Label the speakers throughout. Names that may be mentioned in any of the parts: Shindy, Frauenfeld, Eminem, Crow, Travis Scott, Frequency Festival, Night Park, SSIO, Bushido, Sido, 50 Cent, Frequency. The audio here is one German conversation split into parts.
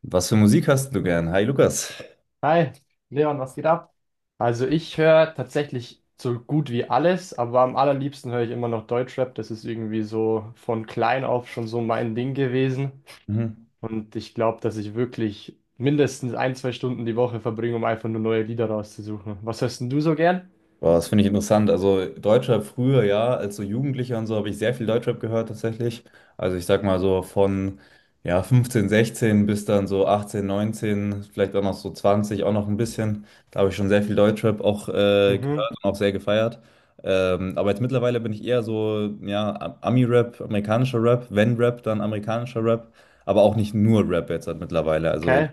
Speaker 1: Was für Musik hast du gern? Hi Lukas.
Speaker 2: Hi, Leon, was geht ab? Also ich höre tatsächlich so gut wie alles, aber am allerliebsten höre ich immer noch Deutschrap. Das ist irgendwie so von klein auf schon so mein Ding gewesen.
Speaker 1: Mhm.
Speaker 2: Und ich glaube, dass ich wirklich mindestens ein, zwei Stunden die Woche verbringe, um einfach nur neue Lieder rauszusuchen. Was hörst denn du so gern?
Speaker 1: Boah, das finde ich interessant. Also Deutschrap früher, ja, als so Jugendlicher und so habe ich sehr viel Deutschrap gehört tatsächlich. Also ich sag mal so von ja, 15, 16 bis dann so 18, 19, vielleicht auch noch so 20 auch noch ein bisschen. Da habe ich schon sehr viel Deutschrap auch
Speaker 2: Mhm,
Speaker 1: gehört und auch sehr gefeiert. Aber jetzt mittlerweile bin ich eher so, ja, Ami-Rap, amerikanischer Rap, wenn Rap, dann amerikanischer Rap, aber auch nicht nur Rap jetzt halt mittlerweile. Also in
Speaker 2: okay.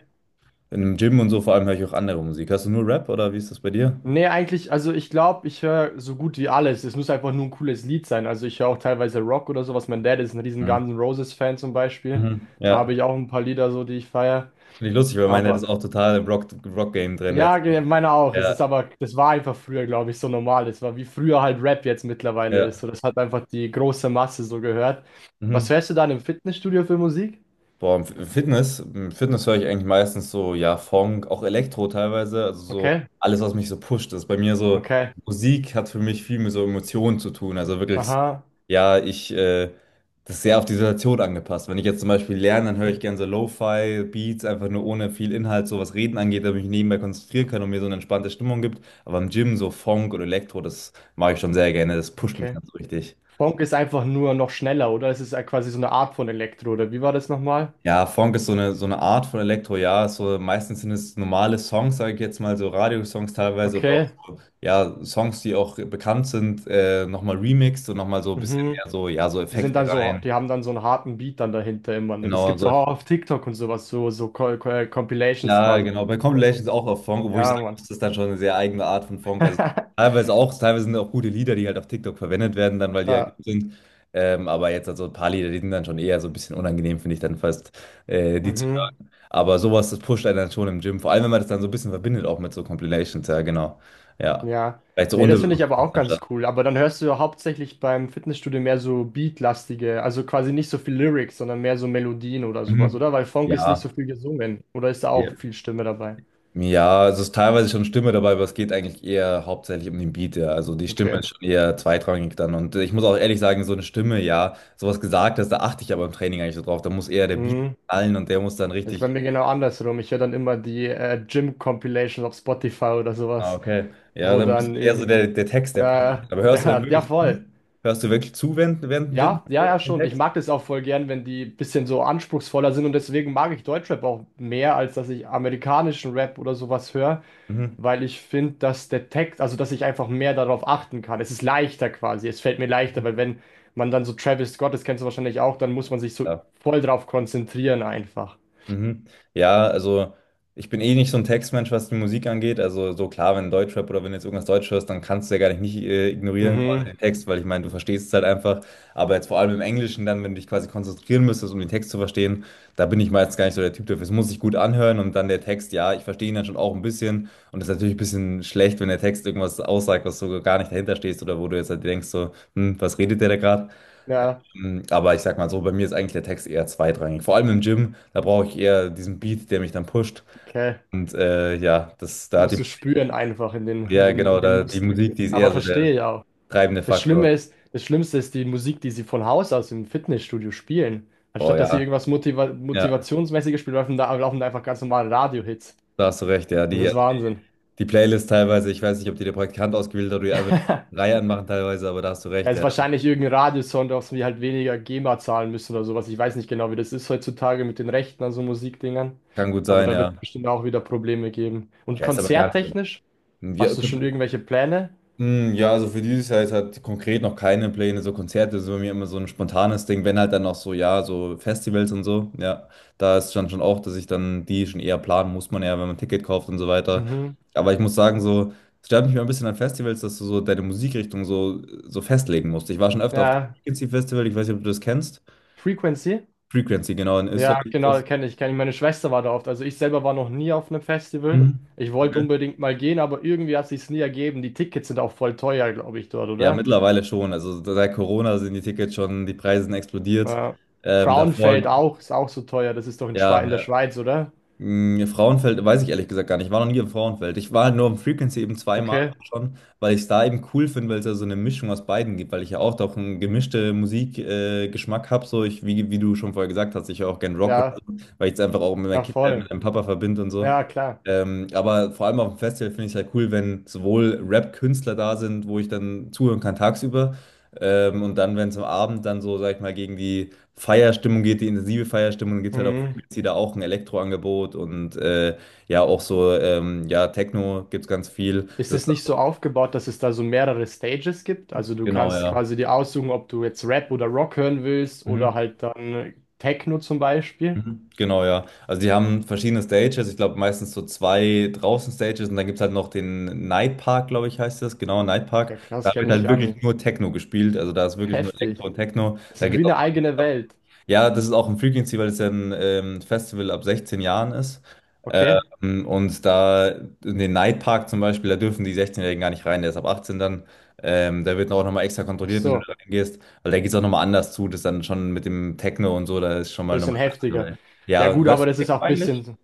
Speaker 1: Im Gym und so vor allem höre ich auch andere Musik. Hörst du nur Rap oder wie ist das bei dir?
Speaker 2: Nee, eigentlich, also ich glaube, ich höre so gut wie alles. Es muss einfach nur ein cooles Lied sein. Also ich höre auch teilweise Rock oder sowas. Mein Dad ist ein riesen
Speaker 1: Mhm.
Speaker 2: Guns N' Roses-Fan zum Beispiel.
Speaker 1: Mhm.
Speaker 2: Da
Speaker 1: Ja,
Speaker 2: habe ich auch ein paar Lieder so, die ich feiere.
Speaker 1: finde ich lustig, weil meiner ist
Speaker 2: Aber
Speaker 1: auch total im Rock-Game drin. Der
Speaker 2: ja,
Speaker 1: ist auch,
Speaker 2: meine auch. Es
Speaker 1: ja,
Speaker 2: ist aber, das war einfach früher, glaube ich, so normal. Es war wie früher halt Rap jetzt mittlerweile ist. So,
Speaker 1: ja.
Speaker 2: das hat einfach die große Masse so gehört. Was
Speaker 1: Mhm.
Speaker 2: hörst du dann im Fitnessstudio für Musik?
Speaker 1: Boah, im Fitness höre ich eigentlich meistens so, ja, Funk, auch Elektro teilweise, also so
Speaker 2: Okay,
Speaker 1: alles, was mich so pusht. Das ist bei mir so,
Speaker 2: okay,
Speaker 1: Musik hat für mich viel mit so Emotionen zu tun. Also wirklich, so,
Speaker 2: aha,
Speaker 1: ja, das ist sehr auf die Situation angepasst. Wenn ich jetzt zum Beispiel lerne, dann höre ich gerne so Lo-Fi-Beats, einfach nur ohne viel Inhalt, so was Reden angeht, damit ich mich nebenbei konzentrieren kann und mir so eine entspannte Stimmung gibt. Aber im Gym so Funk oder Elektro, das mache ich schon sehr gerne, das pusht mich
Speaker 2: okay.
Speaker 1: dann so richtig.
Speaker 2: Funk ist einfach nur noch schneller, oder? Es ist ja quasi so eine Art von Elektro, oder wie war das nochmal?
Speaker 1: Ja, Funk ist so eine Art von Elektro, ja. So, meistens sind es normale Songs, sage ich jetzt mal, so Radiosongs teilweise oder auch
Speaker 2: Okay,
Speaker 1: so, ja, Songs, die auch bekannt sind, nochmal remixed und nochmal so ein bisschen
Speaker 2: mhm.
Speaker 1: mehr so, ja, so
Speaker 2: Die sind
Speaker 1: Effekte
Speaker 2: dann so,
Speaker 1: rein.
Speaker 2: die haben dann so einen harten Beat dann dahinter immer, ne? Das
Speaker 1: Genau,
Speaker 2: gibt's
Speaker 1: so
Speaker 2: auch auf TikTok und sowas, so, so Compilations
Speaker 1: Ja,
Speaker 2: quasi.
Speaker 1: genau. Bei Compilations auch auf Funk, obwohl ich
Speaker 2: Ja,
Speaker 1: sage,
Speaker 2: Mann.
Speaker 1: muss, das ist dann schon eine sehr eigene Art von Funk. Also teilweise sind auch gute Lieder, die halt auf TikTok verwendet werden, dann weil die halt
Speaker 2: Ja.
Speaker 1: gut sind. Aber jetzt also ein paar Lieder, die sind dann schon eher so ein bisschen unangenehm, finde ich dann fast, die zu
Speaker 2: Mhm,
Speaker 1: hören. Aber sowas, das pusht einen dann schon im Gym. Vor allem, wenn man das dann so ein bisschen verbindet, auch mit so Compilations, ja, genau. Ja.
Speaker 2: ja.
Speaker 1: Vielleicht so
Speaker 2: Nee, das finde ich
Speaker 1: unterbewusst
Speaker 2: aber auch ganz
Speaker 1: anstatt.
Speaker 2: cool. Aber dann hörst du ja hauptsächlich beim Fitnessstudio mehr so beatlastige, also quasi nicht so viel Lyrics, sondern mehr so Melodien oder sowas,
Speaker 1: Mhm.
Speaker 2: oder? Weil Funk ist nicht so
Speaker 1: Ja.
Speaker 2: viel gesungen. Oder ist da auch
Speaker 1: Ja.
Speaker 2: viel Stimme dabei?
Speaker 1: Ja, es ist teilweise schon Stimme dabei, aber es geht eigentlich eher hauptsächlich um den Beat, ja. Also die Stimme
Speaker 2: Okay.
Speaker 1: ist schon eher zweitrangig dann. Und ich muss auch ehrlich sagen, so eine Stimme, ja, sowas gesagt hast, da achte ich aber im Training eigentlich so drauf. Da muss eher der Beat
Speaker 2: Mhm.
Speaker 1: knallen und der muss dann
Speaker 2: Das ist bei
Speaker 1: richtig.
Speaker 2: mir genau andersrum. Ich höre dann immer die Gym-Compilations auf Spotify oder
Speaker 1: Ah,
Speaker 2: sowas,
Speaker 1: okay. Ja,
Speaker 2: wo
Speaker 1: dann bist
Speaker 2: dann
Speaker 1: du eher so
Speaker 2: irgend...
Speaker 1: der, der Text, der positiv.
Speaker 2: Ja,
Speaker 1: Aber hörst du dann
Speaker 2: ja, ja,
Speaker 1: wirklich
Speaker 2: voll.
Speaker 1: zu? Hörst du wirklich zu während dem Gym
Speaker 2: Ja, ja,
Speaker 1: so
Speaker 2: ja,
Speaker 1: den
Speaker 2: schon. Ich
Speaker 1: Text?
Speaker 2: mag das auch voll gern, wenn die bisschen so anspruchsvoller sind und deswegen mag ich Deutschrap auch mehr, als dass ich amerikanischen Rap oder sowas höre,
Speaker 1: Mhm.
Speaker 2: weil ich finde, dass der Text, also dass ich einfach mehr darauf achten kann. Es ist leichter quasi, es fällt mir leichter, weil wenn man dann so Travis Scott, das kennst du wahrscheinlich auch, dann muss man sich so
Speaker 1: Ja.
Speaker 2: voll drauf konzentrieren einfach.
Speaker 1: Mhm. Ja, also ich bin eh nicht so ein Textmensch, was die Musik angeht. Also so klar, wenn Deutschrap oder wenn du jetzt irgendwas Deutsch hörst, dann kannst du ja gar nicht ignorieren Mhm. quasi
Speaker 2: Mhm.
Speaker 1: den Text, weil ich meine, du verstehst es halt einfach. Aber jetzt vor allem im Englischen dann, wenn du dich quasi konzentrieren müsstest, um den Text zu verstehen, da bin ich meistens gar nicht so der Typ dafür. Es muss sich gut anhören und dann der Text, ja, ich verstehe ihn dann schon auch ein bisschen. Und es ist natürlich ein bisschen schlecht, wenn der Text irgendwas aussagt, was so gar nicht dahinter stehst oder wo du jetzt halt denkst so, hm, was redet der da gerade?
Speaker 2: Ja,
Speaker 1: Mm, aber ich sag mal so, bei mir ist eigentlich der Text eher zweitrangig. Vor allem im Gym, da brauche ich eher diesen Beat, der mich dann pusht.
Speaker 2: okay.
Speaker 1: Und ja, das, da hat
Speaker 2: Musst
Speaker 1: die,
Speaker 2: du spüren einfach
Speaker 1: ja genau,
Speaker 2: in den
Speaker 1: da die
Speaker 2: Muskeln.
Speaker 1: Musik, die ist eher
Speaker 2: Aber
Speaker 1: so der
Speaker 2: verstehe ja.
Speaker 1: treibende
Speaker 2: Das
Speaker 1: Faktor.
Speaker 2: Schlimme ist, das Schlimmste ist die Musik, die sie von Haus aus im Fitnessstudio spielen.
Speaker 1: Oh
Speaker 2: Anstatt dass sie
Speaker 1: ja,
Speaker 2: irgendwas
Speaker 1: ja,
Speaker 2: Motivationsmäßiges spielen, laufen da einfach ganz normale Radio-Hits.
Speaker 1: da hast du recht, ja.
Speaker 2: Das
Speaker 1: Die,
Speaker 2: ist
Speaker 1: also,
Speaker 2: Wahnsinn.
Speaker 1: die Playlist teilweise, ich weiß nicht, ob die der Praktikant ausgewählt hat oder die einfach eine Reihe anmachen teilweise, aber da hast du
Speaker 2: Ja,
Speaker 1: recht,
Speaker 2: ist
Speaker 1: ja.
Speaker 2: wahrscheinlich irgendein Radiosong, auf den wir halt weniger GEMA zahlen müssen oder sowas. Ich weiß nicht genau, wie das ist heutzutage mit den Rechten an so Musikdingern.
Speaker 1: Kann gut
Speaker 2: Aber
Speaker 1: sein,
Speaker 2: da
Speaker 1: ja.
Speaker 2: wird bestimmt auch wieder Probleme geben.
Speaker 1: Ich
Speaker 2: Und
Speaker 1: weiß aber gar nicht.
Speaker 2: konzerttechnisch,
Speaker 1: Ja,
Speaker 2: hast du schon irgendwelche Pläne?
Speaker 1: mm, ja, also für dieses Jahr ist halt konkret noch keine Pläne, so Konzerte sind bei mir immer so ein spontanes Ding, wenn halt dann noch so, ja, so Festivals und so, ja, da ist dann schon auch, dass ich dann die schon eher planen muss man ja, wenn man ein Ticket kauft und so weiter,
Speaker 2: Mhm.
Speaker 1: aber ich muss sagen, so, es stört mich mal ein bisschen an Festivals, dass du so deine Musikrichtung so, so festlegen musst. Ich war schon öfter auf dem
Speaker 2: Ja,
Speaker 1: Frequency Festival, ich weiß nicht, ob du das kennst,
Speaker 2: Frequency?
Speaker 1: Frequency, genau, in Österreich
Speaker 2: Ja,
Speaker 1: ist
Speaker 2: genau,
Speaker 1: das.
Speaker 2: kenne ich, kenne ich. Meine Schwester war da oft. Also ich selber war noch nie auf einem Festival.
Speaker 1: Mhm.
Speaker 2: Ich wollte
Speaker 1: Okay.
Speaker 2: unbedingt mal gehen, aber irgendwie hat sich's nie ergeben. Die Tickets sind auch voll teuer, glaube ich, dort,
Speaker 1: Ja,
Speaker 2: oder?
Speaker 1: mittlerweile schon, also seit Corona sind die Tickets schon, die Preise sind explodiert,
Speaker 2: Ja. Frauenfeld
Speaker 1: davor...
Speaker 2: auch, ist auch so teuer. Das ist doch in Schwe
Speaker 1: Ja,
Speaker 2: in der
Speaker 1: ja.
Speaker 2: Schweiz, oder?
Speaker 1: Hm, ja, Frauenfeld weiß ich ehrlich gesagt gar nicht. Ich war noch nie im Frauenfeld. Ich war halt nur im Frequency eben zweimal
Speaker 2: Okay.
Speaker 1: auch schon, weil ich es da eben cool finde, weil es ja so eine Mischung aus beiden gibt, weil ich ja auch doch einen gemischten Musikgeschmack Geschmack habe. So ich, wie du schon vorher gesagt hast, ich höre auch gerne Rock oder
Speaker 2: Ja,
Speaker 1: so, weil ich es einfach auch mit meiner
Speaker 2: ja,
Speaker 1: Kindheit,
Speaker 2: voll.
Speaker 1: mit meinem Papa verbinde und so.
Speaker 2: Ja, klar.
Speaker 1: Aber vor allem auf dem Festival finde ich es halt cool, wenn sowohl Rap-Künstler da sind, wo ich dann zuhören kann tagsüber. Und dann, wenn es am Abend dann so, sag ich mal, gegen die Feierstimmung geht, die intensive Feierstimmung, dann geht es halt auch
Speaker 2: Mhm.
Speaker 1: sie da auch ein Elektroangebot und ja, auch so, ja, Techno gibt es ganz viel.
Speaker 2: Ist
Speaker 1: Das,
Speaker 2: es nicht so aufgebaut, dass es da so mehrere Stages gibt? Also du
Speaker 1: genau,
Speaker 2: kannst
Speaker 1: ja.
Speaker 2: quasi dir aussuchen, ob du jetzt Rap oder Rock hören willst oder
Speaker 1: Mhm.
Speaker 2: halt dann Techno zum Beispiel.
Speaker 1: Mhm. Genau, ja. Also die haben verschiedene Stages, ich glaube meistens so zwei draußen Stages und dann gibt es halt noch den Night Park, glaube ich, heißt das. Genau, Night Park.
Speaker 2: Ja, krass,
Speaker 1: Da wird
Speaker 2: kenne ich
Speaker 1: halt
Speaker 2: gar nicht.
Speaker 1: wirklich nur Techno gespielt. Also da ist wirklich nur
Speaker 2: Heftig.
Speaker 1: Elektro und Techno.
Speaker 2: Das
Speaker 1: Da
Speaker 2: ist wie
Speaker 1: geht auch
Speaker 2: eine eigene Welt.
Speaker 1: ja, das ist auch ein Frequency, weil es ja ein Festival ab 16 Jahren ist.
Speaker 2: Okay?
Speaker 1: Und da in den Nightpark zum Beispiel, da dürfen die 16-Jährigen gar nicht rein, der ist ab 18 dann. Da wird auch nochmal extra
Speaker 2: Ach
Speaker 1: kontrolliert, wenn du
Speaker 2: so,
Speaker 1: da reingehst, weil da geht es auch nochmal anders zu, das dann schon mit dem Techno und so, da ist schon mal
Speaker 2: bisschen
Speaker 1: nochmal eine andere
Speaker 2: heftiger.
Speaker 1: Welt.
Speaker 2: Ja
Speaker 1: Ja,
Speaker 2: gut,
Speaker 1: hörst
Speaker 2: aber
Speaker 1: du
Speaker 2: das ist
Speaker 1: Techno
Speaker 2: auch ein
Speaker 1: eigentlich?
Speaker 2: bisschen.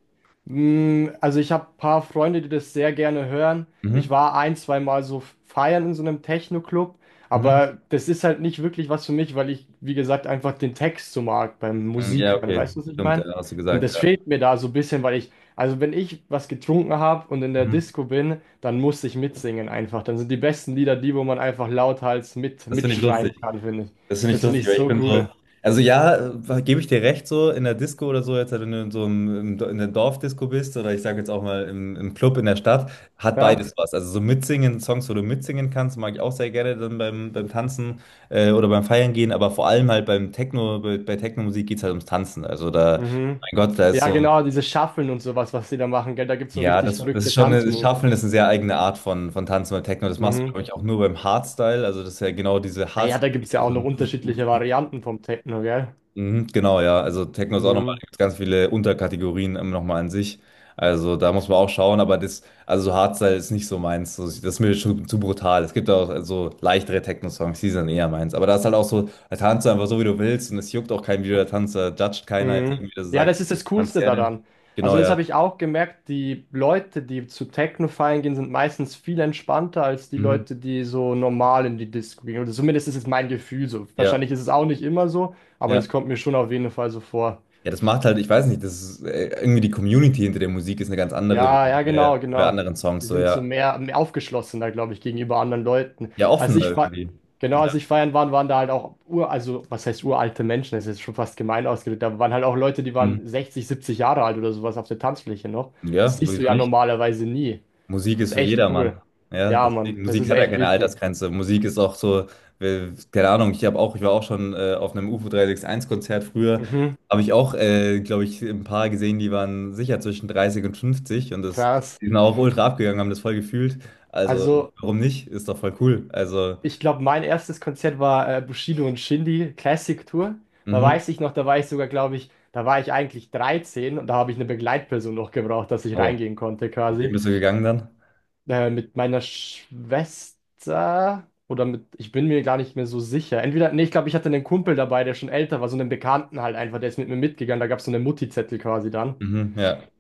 Speaker 2: Mm, also ich habe ein paar Freunde, die das sehr gerne hören. Ich
Speaker 1: Mhm.
Speaker 2: war ein, zwei Mal so feiern in so einem Techno-Club,
Speaker 1: Mhm.
Speaker 2: aber das ist halt nicht wirklich was für mich, weil ich, wie gesagt, einfach den Text so mag beim
Speaker 1: Mhm. Ja,
Speaker 2: Musik hören.
Speaker 1: okay,
Speaker 2: Weißt du, was ich
Speaker 1: stimmt, ja,
Speaker 2: meine?
Speaker 1: hast du
Speaker 2: Und
Speaker 1: gesagt,
Speaker 2: das
Speaker 1: ja.
Speaker 2: fehlt mir da so ein bisschen, weil ich, also wenn ich was getrunken habe und in der
Speaker 1: Mhm.
Speaker 2: Disco bin, dann muss ich mitsingen einfach. Dann sind die besten Lieder die, wo man einfach lauthals mit
Speaker 1: Das finde ich
Speaker 2: mitschreien
Speaker 1: lustig.
Speaker 2: kann, finde ich.
Speaker 1: Das finde ich
Speaker 2: Das finde
Speaker 1: lustig,
Speaker 2: ich
Speaker 1: weil ich
Speaker 2: so
Speaker 1: bin so.
Speaker 2: cool.
Speaker 1: Also ja, gebe ich dir recht, so in der Disco oder so, jetzt wenn du in so einem, im in der Dorfdisco bist oder ich sage jetzt auch mal im, im Club in der Stadt, hat
Speaker 2: Ja?
Speaker 1: beides was. Also so mitsingen, Songs, wo du mitsingen kannst, mag ich auch sehr gerne dann beim, beim Tanzen oder beim Feiern gehen, aber vor allem halt beim Techno, bei Techno-Musik geht es halt ums Tanzen. Also da,
Speaker 2: Mhm.
Speaker 1: mein Gott, da ist
Speaker 2: Ja,
Speaker 1: so,
Speaker 2: genau, diese Shuffeln und sowas, was sie da machen, gell? Da gibt es so
Speaker 1: ja,
Speaker 2: richtig
Speaker 1: das, das ist
Speaker 2: verrückte
Speaker 1: schon, eine, das
Speaker 2: Tanzmoves.
Speaker 1: Shufflen ist eine sehr eigene Art von Tanzen beim Techno. Das machst du,
Speaker 2: Mhm.
Speaker 1: glaube ich, auch nur beim Hardstyle. Also das ist ja genau diese
Speaker 2: Ah ja, da
Speaker 1: Hardstyle.
Speaker 2: gibt es ja auch noch unterschiedliche Varianten vom Techno, gell?
Speaker 1: Mhm, genau, ja. Also Techno ist auch nochmal, da
Speaker 2: Mhm.
Speaker 1: gibt's ganz viele Unterkategorien nochmal an sich. Also da muss man auch schauen, aber das, also so Hardstyle ist nicht so meins. So, das ist mir schon zu brutal. Es gibt auch so leichtere Techno-Songs, die sind eher meins. Aber da ist halt auch so, da tanzt du einfach so, wie du willst und es juckt auch kein video du da tanzt, da judgt keiner jetzt
Speaker 2: Mhm.
Speaker 1: irgendwie, dass er
Speaker 2: Ja,
Speaker 1: sagt,
Speaker 2: das ist
Speaker 1: hey,
Speaker 2: das
Speaker 1: wie tanzt
Speaker 2: Coolste
Speaker 1: der denn?
Speaker 2: daran.
Speaker 1: Genau,
Speaker 2: Also, das
Speaker 1: ja.
Speaker 2: habe ich auch gemerkt, die Leute, die zu Techno feiern gehen, sind meistens viel entspannter als die
Speaker 1: Mhm.
Speaker 2: Leute, die so normal in die Disco gehen. Oder zumindest ist es mein Gefühl so.
Speaker 1: Ja,
Speaker 2: Wahrscheinlich ist es auch nicht immer so, aber das
Speaker 1: ja.
Speaker 2: kommt mir schon auf jeden Fall so vor.
Speaker 1: Ja, das macht halt, ich weiß nicht, das ist irgendwie die Community hinter der Musik ist eine ganz andere
Speaker 2: Ja,
Speaker 1: wie
Speaker 2: ja,
Speaker 1: bei,
Speaker 2: genau,
Speaker 1: bei
Speaker 2: genau.
Speaker 1: anderen Songs,
Speaker 2: Die
Speaker 1: so
Speaker 2: sind so
Speaker 1: ja.
Speaker 2: mehr, mehr aufgeschlossener, glaube ich, gegenüber anderen Leuten.
Speaker 1: Ja, offener irgendwie.
Speaker 2: Genau,
Speaker 1: Ja.
Speaker 2: als ich feiern war, waren da halt auch ur, also was heißt uralte Menschen, das ist jetzt schon fast gemein ausgedrückt, da waren halt auch Leute, die
Speaker 1: Mhm.
Speaker 2: waren 60, 70 Jahre alt oder sowas auf der Tanzfläche noch. Das
Speaker 1: Ja,
Speaker 2: siehst du
Speaker 1: wieso
Speaker 2: ja
Speaker 1: nicht?
Speaker 2: normalerweise nie.
Speaker 1: Musik
Speaker 2: Das
Speaker 1: ist
Speaker 2: ist
Speaker 1: für
Speaker 2: echt cool.
Speaker 1: jedermann. Ja,
Speaker 2: Ja, Mann,
Speaker 1: deswegen,
Speaker 2: das
Speaker 1: Musik
Speaker 2: ist
Speaker 1: hat ja
Speaker 2: echt
Speaker 1: keine
Speaker 2: wichtig.
Speaker 1: Altersgrenze. Musik ist auch so, keine Ahnung, ich habe auch, ich war auch schon auf einem U UFO 361-Konzert früher,
Speaker 2: Mhm,
Speaker 1: habe ich auch, glaube ich, ein paar gesehen, die waren sicher zwischen 30 und 50 und das,
Speaker 2: krass.
Speaker 1: die sind auch ultra abgegangen, haben das voll gefühlt. Also,
Speaker 2: Also,
Speaker 1: warum nicht? Ist doch voll cool. Also,
Speaker 2: ich glaube, mein erstes Konzert war Bushido und Shindy Classic Tour. Da
Speaker 1: mhm.
Speaker 2: weiß ich noch, da war ich sogar, glaube ich, da war ich eigentlich 13 und da habe ich eine Begleitperson noch gebraucht, dass ich
Speaker 1: Oh,
Speaker 2: reingehen konnte
Speaker 1: mit wem
Speaker 2: quasi.
Speaker 1: bist du gegangen dann?
Speaker 2: Mit meiner Schwester oder mit, ich bin mir gar nicht mehr so sicher. Entweder, nee, ich glaube, ich hatte einen Kumpel dabei, der schon älter war, so einen Bekannten halt einfach, der ist mit mir mitgegangen. Da gab es so einen Mutti-Zettel quasi dann.
Speaker 1: Mhm, ja,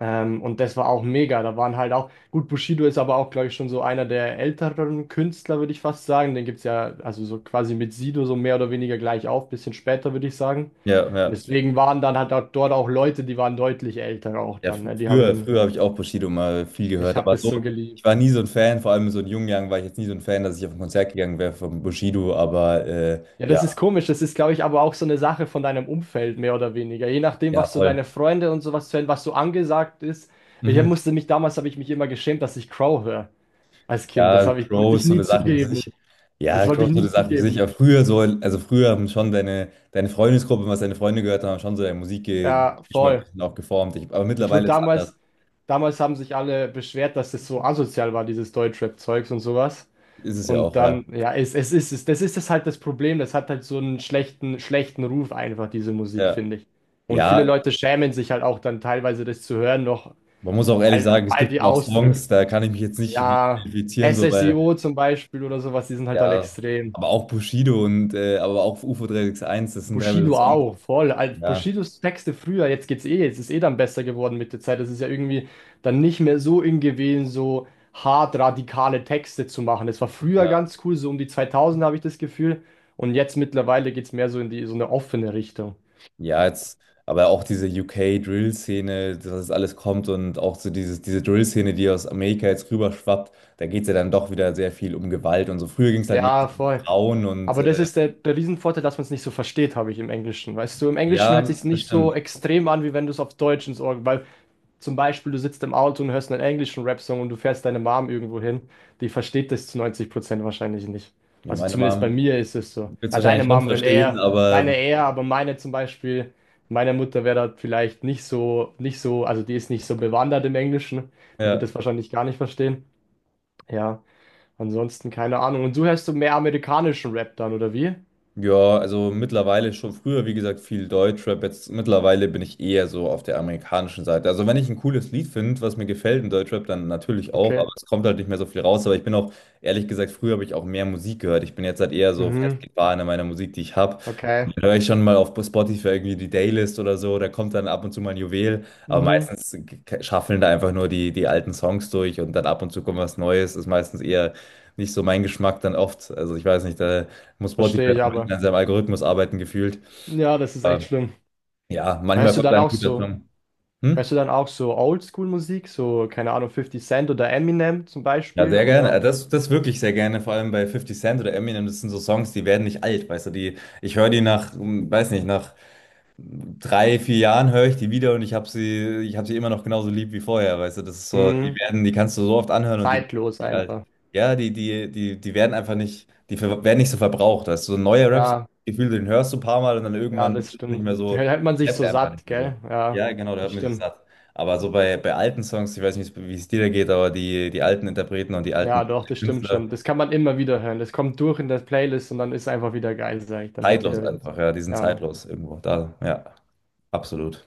Speaker 2: Und das war auch mega. Da waren halt auch, gut, Bushido ist aber auch, glaube ich, schon so einer der älteren Künstler, würde ich fast sagen. Den gibt es ja, also so quasi mit Sido so mehr oder weniger gleich auf, bisschen später, würde ich sagen.
Speaker 1: ja,
Speaker 2: Und
Speaker 1: ja.
Speaker 2: deswegen waren dann halt auch dort auch Leute, die waren deutlich älter auch
Speaker 1: Ja,
Speaker 2: dann,
Speaker 1: fr-
Speaker 2: ne? Die haben
Speaker 1: früher,
Speaker 2: den,
Speaker 1: früher habe ich auch Bushido mal viel
Speaker 2: ich
Speaker 1: gehört,
Speaker 2: habe
Speaker 1: aber
Speaker 2: das
Speaker 1: so,
Speaker 2: so
Speaker 1: ich
Speaker 2: geliebt.
Speaker 1: war nie so ein Fan, vor allem so in jungen Jahren war ich jetzt nie so ein Fan, dass ich auf ein Konzert gegangen wäre von Bushido, aber
Speaker 2: Ja,
Speaker 1: ja,
Speaker 2: das ist komisch. Das ist, glaube ich, aber auch so eine Sache von deinem Umfeld, mehr oder weniger. Je nachdem,
Speaker 1: ja,
Speaker 2: was so
Speaker 1: voll.
Speaker 2: deine Freunde und sowas hören, was so angesagt ist.
Speaker 1: Mhm.
Speaker 2: Damals habe ich mich immer geschämt, dass ich Crow höre als Kind. Das
Speaker 1: Ja,
Speaker 2: habe ich, wollte
Speaker 1: Crow
Speaker 2: ich
Speaker 1: ist so
Speaker 2: nie
Speaker 1: eine Sache für
Speaker 2: zugeben.
Speaker 1: sich. Ja,
Speaker 2: Das wollte
Speaker 1: Crow
Speaker 2: ich
Speaker 1: ist so
Speaker 2: nie
Speaker 1: eine Sache für sich,
Speaker 2: zugeben.
Speaker 1: aber früher so, also früher haben schon deine, deine Freundesgruppe, was deine Freunde gehört haben, haben schon so deinen
Speaker 2: Ja,
Speaker 1: Musikgeschmack ein
Speaker 2: voll.
Speaker 1: bisschen auch geformt. Ich, aber
Speaker 2: Ich wurde
Speaker 1: mittlerweile ist es anders.
Speaker 2: damals, damals haben sich alle beschwert, dass das so asozial war, dieses Deutschrap-Zeugs und sowas.
Speaker 1: Ist es ja
Speaker 2: Und
Speaker 1: auch, ja.
Speaker 2: dann, ja, das ist das halt das Problem. Das hat halt so einen schlechten, schlechten Ruf einfach, diese Musik,
Speaker 1: Ja,
Speaker 2: finde ich. Und viele
Speaker 1: ja,
Speaker 2: Leute schämen sich halt auch dann teilweise das zu hören noch,
Speaker 1: man muss auch ehrlich
Speaker 2: weil,
Speaker 1: sagen, es
Speaker 2: weil
Speaker 1: gibt
Speaker 2: die
Speaker 1: schon auch
Speaker 2: Ausdrücke,
Speaker 1: Songs, da kann ich mich jetzt nicht mit
Speaker 2: ja,
Speaker 1: identifizieren, so, weil
Speaker 2: SSIO zum Beispiel oder sowas, die sind halt dann
Speaker 1: ja,
Speaker 2: extrem.
Speaker 1: aber auch Bushido und aber auch UFO 361, das sind teilweise
Speaker 2: Bushido
Speaker 1: Songs.
Speaker 2: auch, voll. Also
Speaker 1: Ja,
Speaker 2: Bushidos Texte früher, jetzt geht's eh, jetzt ist eh dann besser geworden mit der Zeit. Das ist ja irgendwie dann nicht mehr so in gewesen, so hart radikale Texte zu machen. Das war früher
Speaker 1: ja.
Speaker 2: ganz cool, so um die 2000 habe ich das Gefühl. Und jetzt mittlerweile geht's mehr so in die, so eine offene Richtung.
Speaker 1: Ja, jetzt, aber auch diese UK-Drill-Szene, dass das alles kommt und auch so dieses, diese Drill-Szene, die aus Amerika jetzt rüberschwappt, da geht es ja dann doch wieder sehr viel um Gewalt und so. Früher ging es halt mehr
Speaker 2: Ja,
Speaker 1: um
Speaker 2: voll.
Speaker 1: Frauen und
Speaker 2: Aber das ist der, der Riesenvorteil, dass man es nicht so versteht, habe ich im Englischen. Weißt du, im Englischen hört
Speaker 1: ja,
Speaker 2: sich's
Speaker 1: das
Speaker 2: nicht so
Speaker 1: stimmt.
Speaker 2: extrem an, wie wenn du es auf Deutsch ins Ohr, weil zum Beispiel, du sitzt im Auto und hörst einen englischen Rap-Song und du fährst deine Mom irgendwo hin. Die versteht das zu 90% wahrscheinlich nicht.
Speaker 1: Ja,
Speaker 2: Also
Speaker 1: meine
Speaker 2: zumindest bei
Speaker 1: Mom
Speaker 2: mir ist es so.
Speaker 1: wird es
Speaker 2: Ja, deine
Speaker 1: wahrscheinlich schon
Speaker 2: Mom will
Speaker 1: verstehen,
Speaker 2: eher,
Speaker 1: aber
Speaker 2: deine eher, aber meine Mutter wäre da vielleicht nicht so, also die ist nicht so bewandert im Englischen. Die wird
Speaker 1: ja.
Speaker 2: das wahrscheinlich gar nicht verstehen. Ja, ansonsten keine Ahnung. Und du hörst du mehr amerikanischen Rap dann, oder wie?
Speaker 1: Ja, also mittlerweile schon früher, wie gesagt, viel Deutschrap. Jetzt mittlerweile bin ich eher so auf der amerikanischen Seite. Also wenn ich ein cooles Lied finde, was mir gefällt in Deutschrap, dann natürlich auch, aber
Speaker 2: Okay.
Speaker 1: es kommt halt nicht mehr so viel raus. Aber ich bin auch, ehrlich gesagt, früher habe ich auch mehr Musik gehört. Ich bin jetzt halt eher so
Speaker 2: Mhm.
Speaker 1: festgefahren in meiner Musik, die ich habe.
Speaker 2: Okay.
Speaker 1: Da höre ich schon mal auf Spotify irgendwie die Daylist oder so, da kommt dann ab und zu mal ein Juwel, aber
Speaker 2: Mhm.
Speaker 1: meistens schaffeln da einfach nur die, die alten Songs durch und dann ab und zu kommt was Neues, ist meistens eher nicht so mein Geschmack dann oft. Also ich weiß nicht, da muss Spotify
Speaker 2: Verstehe ich
Speaker 1: noch ein bisschen
Speaker 2: aber.
Speaker 1: an seinem Algorithmus arbeiten gefühlt.
Speaker 2: Ja, das ist echt
Speaker 1: Aber
Speaker 2: schlimm.
Speaker 1: ja, manchmal
Speaker 2: Hörst du
Speaker 1: kommt
Speaker 2: dann
Speaker 1: da ein
Speaker 2: auch
Speaker 1: guter
Speaker 2: so?
Speaker 1: Song.
Speaker 2: Hörst
Speaker 1: Hm?
Speaker 2: du dann auch so Oldschool-Musik, so, keine Ahnung, 50 Cent oder Eminem zum
Speaker 1: Ja,
Speaker 2: Beispiel
Speaker 1: sehr gerne. Äh,
Speaker 2: oder
Speaker 1: Das, das wirklich sehr gerne, vor allem bei 50 Cent oder Eminem, das sind so Songs, die werden nicht alt, weißt du, die, ich höre die nach, weiß nicht, nach drei, vier Jahren höre ich die wieder und ich habe sie, immer noch genauso lieb wie vorher, weißt du, das ist so, die
Speaker 2: hm,
Speaker 1: werden, die kannst du so oft anhören und die werden
Speaker 2: zeitlos
Speaker 1: nicht alt.
Speaker 2: einfach.
Speaker 1: Ja, die werden einfach nicht, werden nicht so verbraucht, weißt du, so neue Raps,
Speaker 2: Ja,
Speaker 1: Gefühl, den hörst du ein paar Mal und dann
Speaker 2: ja,
Speaker 1: irgendwann
Speaker 2: das
Speaker 1: ist es nicht
Speaker 2: stimmt.
Speaker 1: mehr
Speaker 2: Da
Speaker 1: so,
Speaker 2: hält man sich
Speaker 1: klappt
Speaker 2: so
Speaker 1: einfach
Speaker 2: satt,
Speaker 1: nicht mehr
Speaker 2: gell?
Speaker 1: so.
Speaker 2: Ja,
Speaker 1: Ja, genau, da
Speaker 2: das
Speaker 1: hört man sich
Speaker 2: stimmt.
Speaker 1: satt. Aber so bei, bei alten Songs, ich weiß nicht, wie es dir da geht, aber die, die alten Interpreten und die alten
Speaker 2: Ja, doch, das stimmt
Speaker 1: Künstler,
Speaker 2: schon. Das kann man immer wieder hören. Das kommt durch in der Playlist und dann ist einfach wieder geil, sag ich. Dann hört die
Speaker 1: zeitlos
Speaker 2: da wieder
Speaker 1: einfach,
Speaker 2: zu.
Speaker 1: ja, die sind
Speaker 2: Ja, Mann.
Speaker 1: zeitlos irgendwo da, ja, absolut.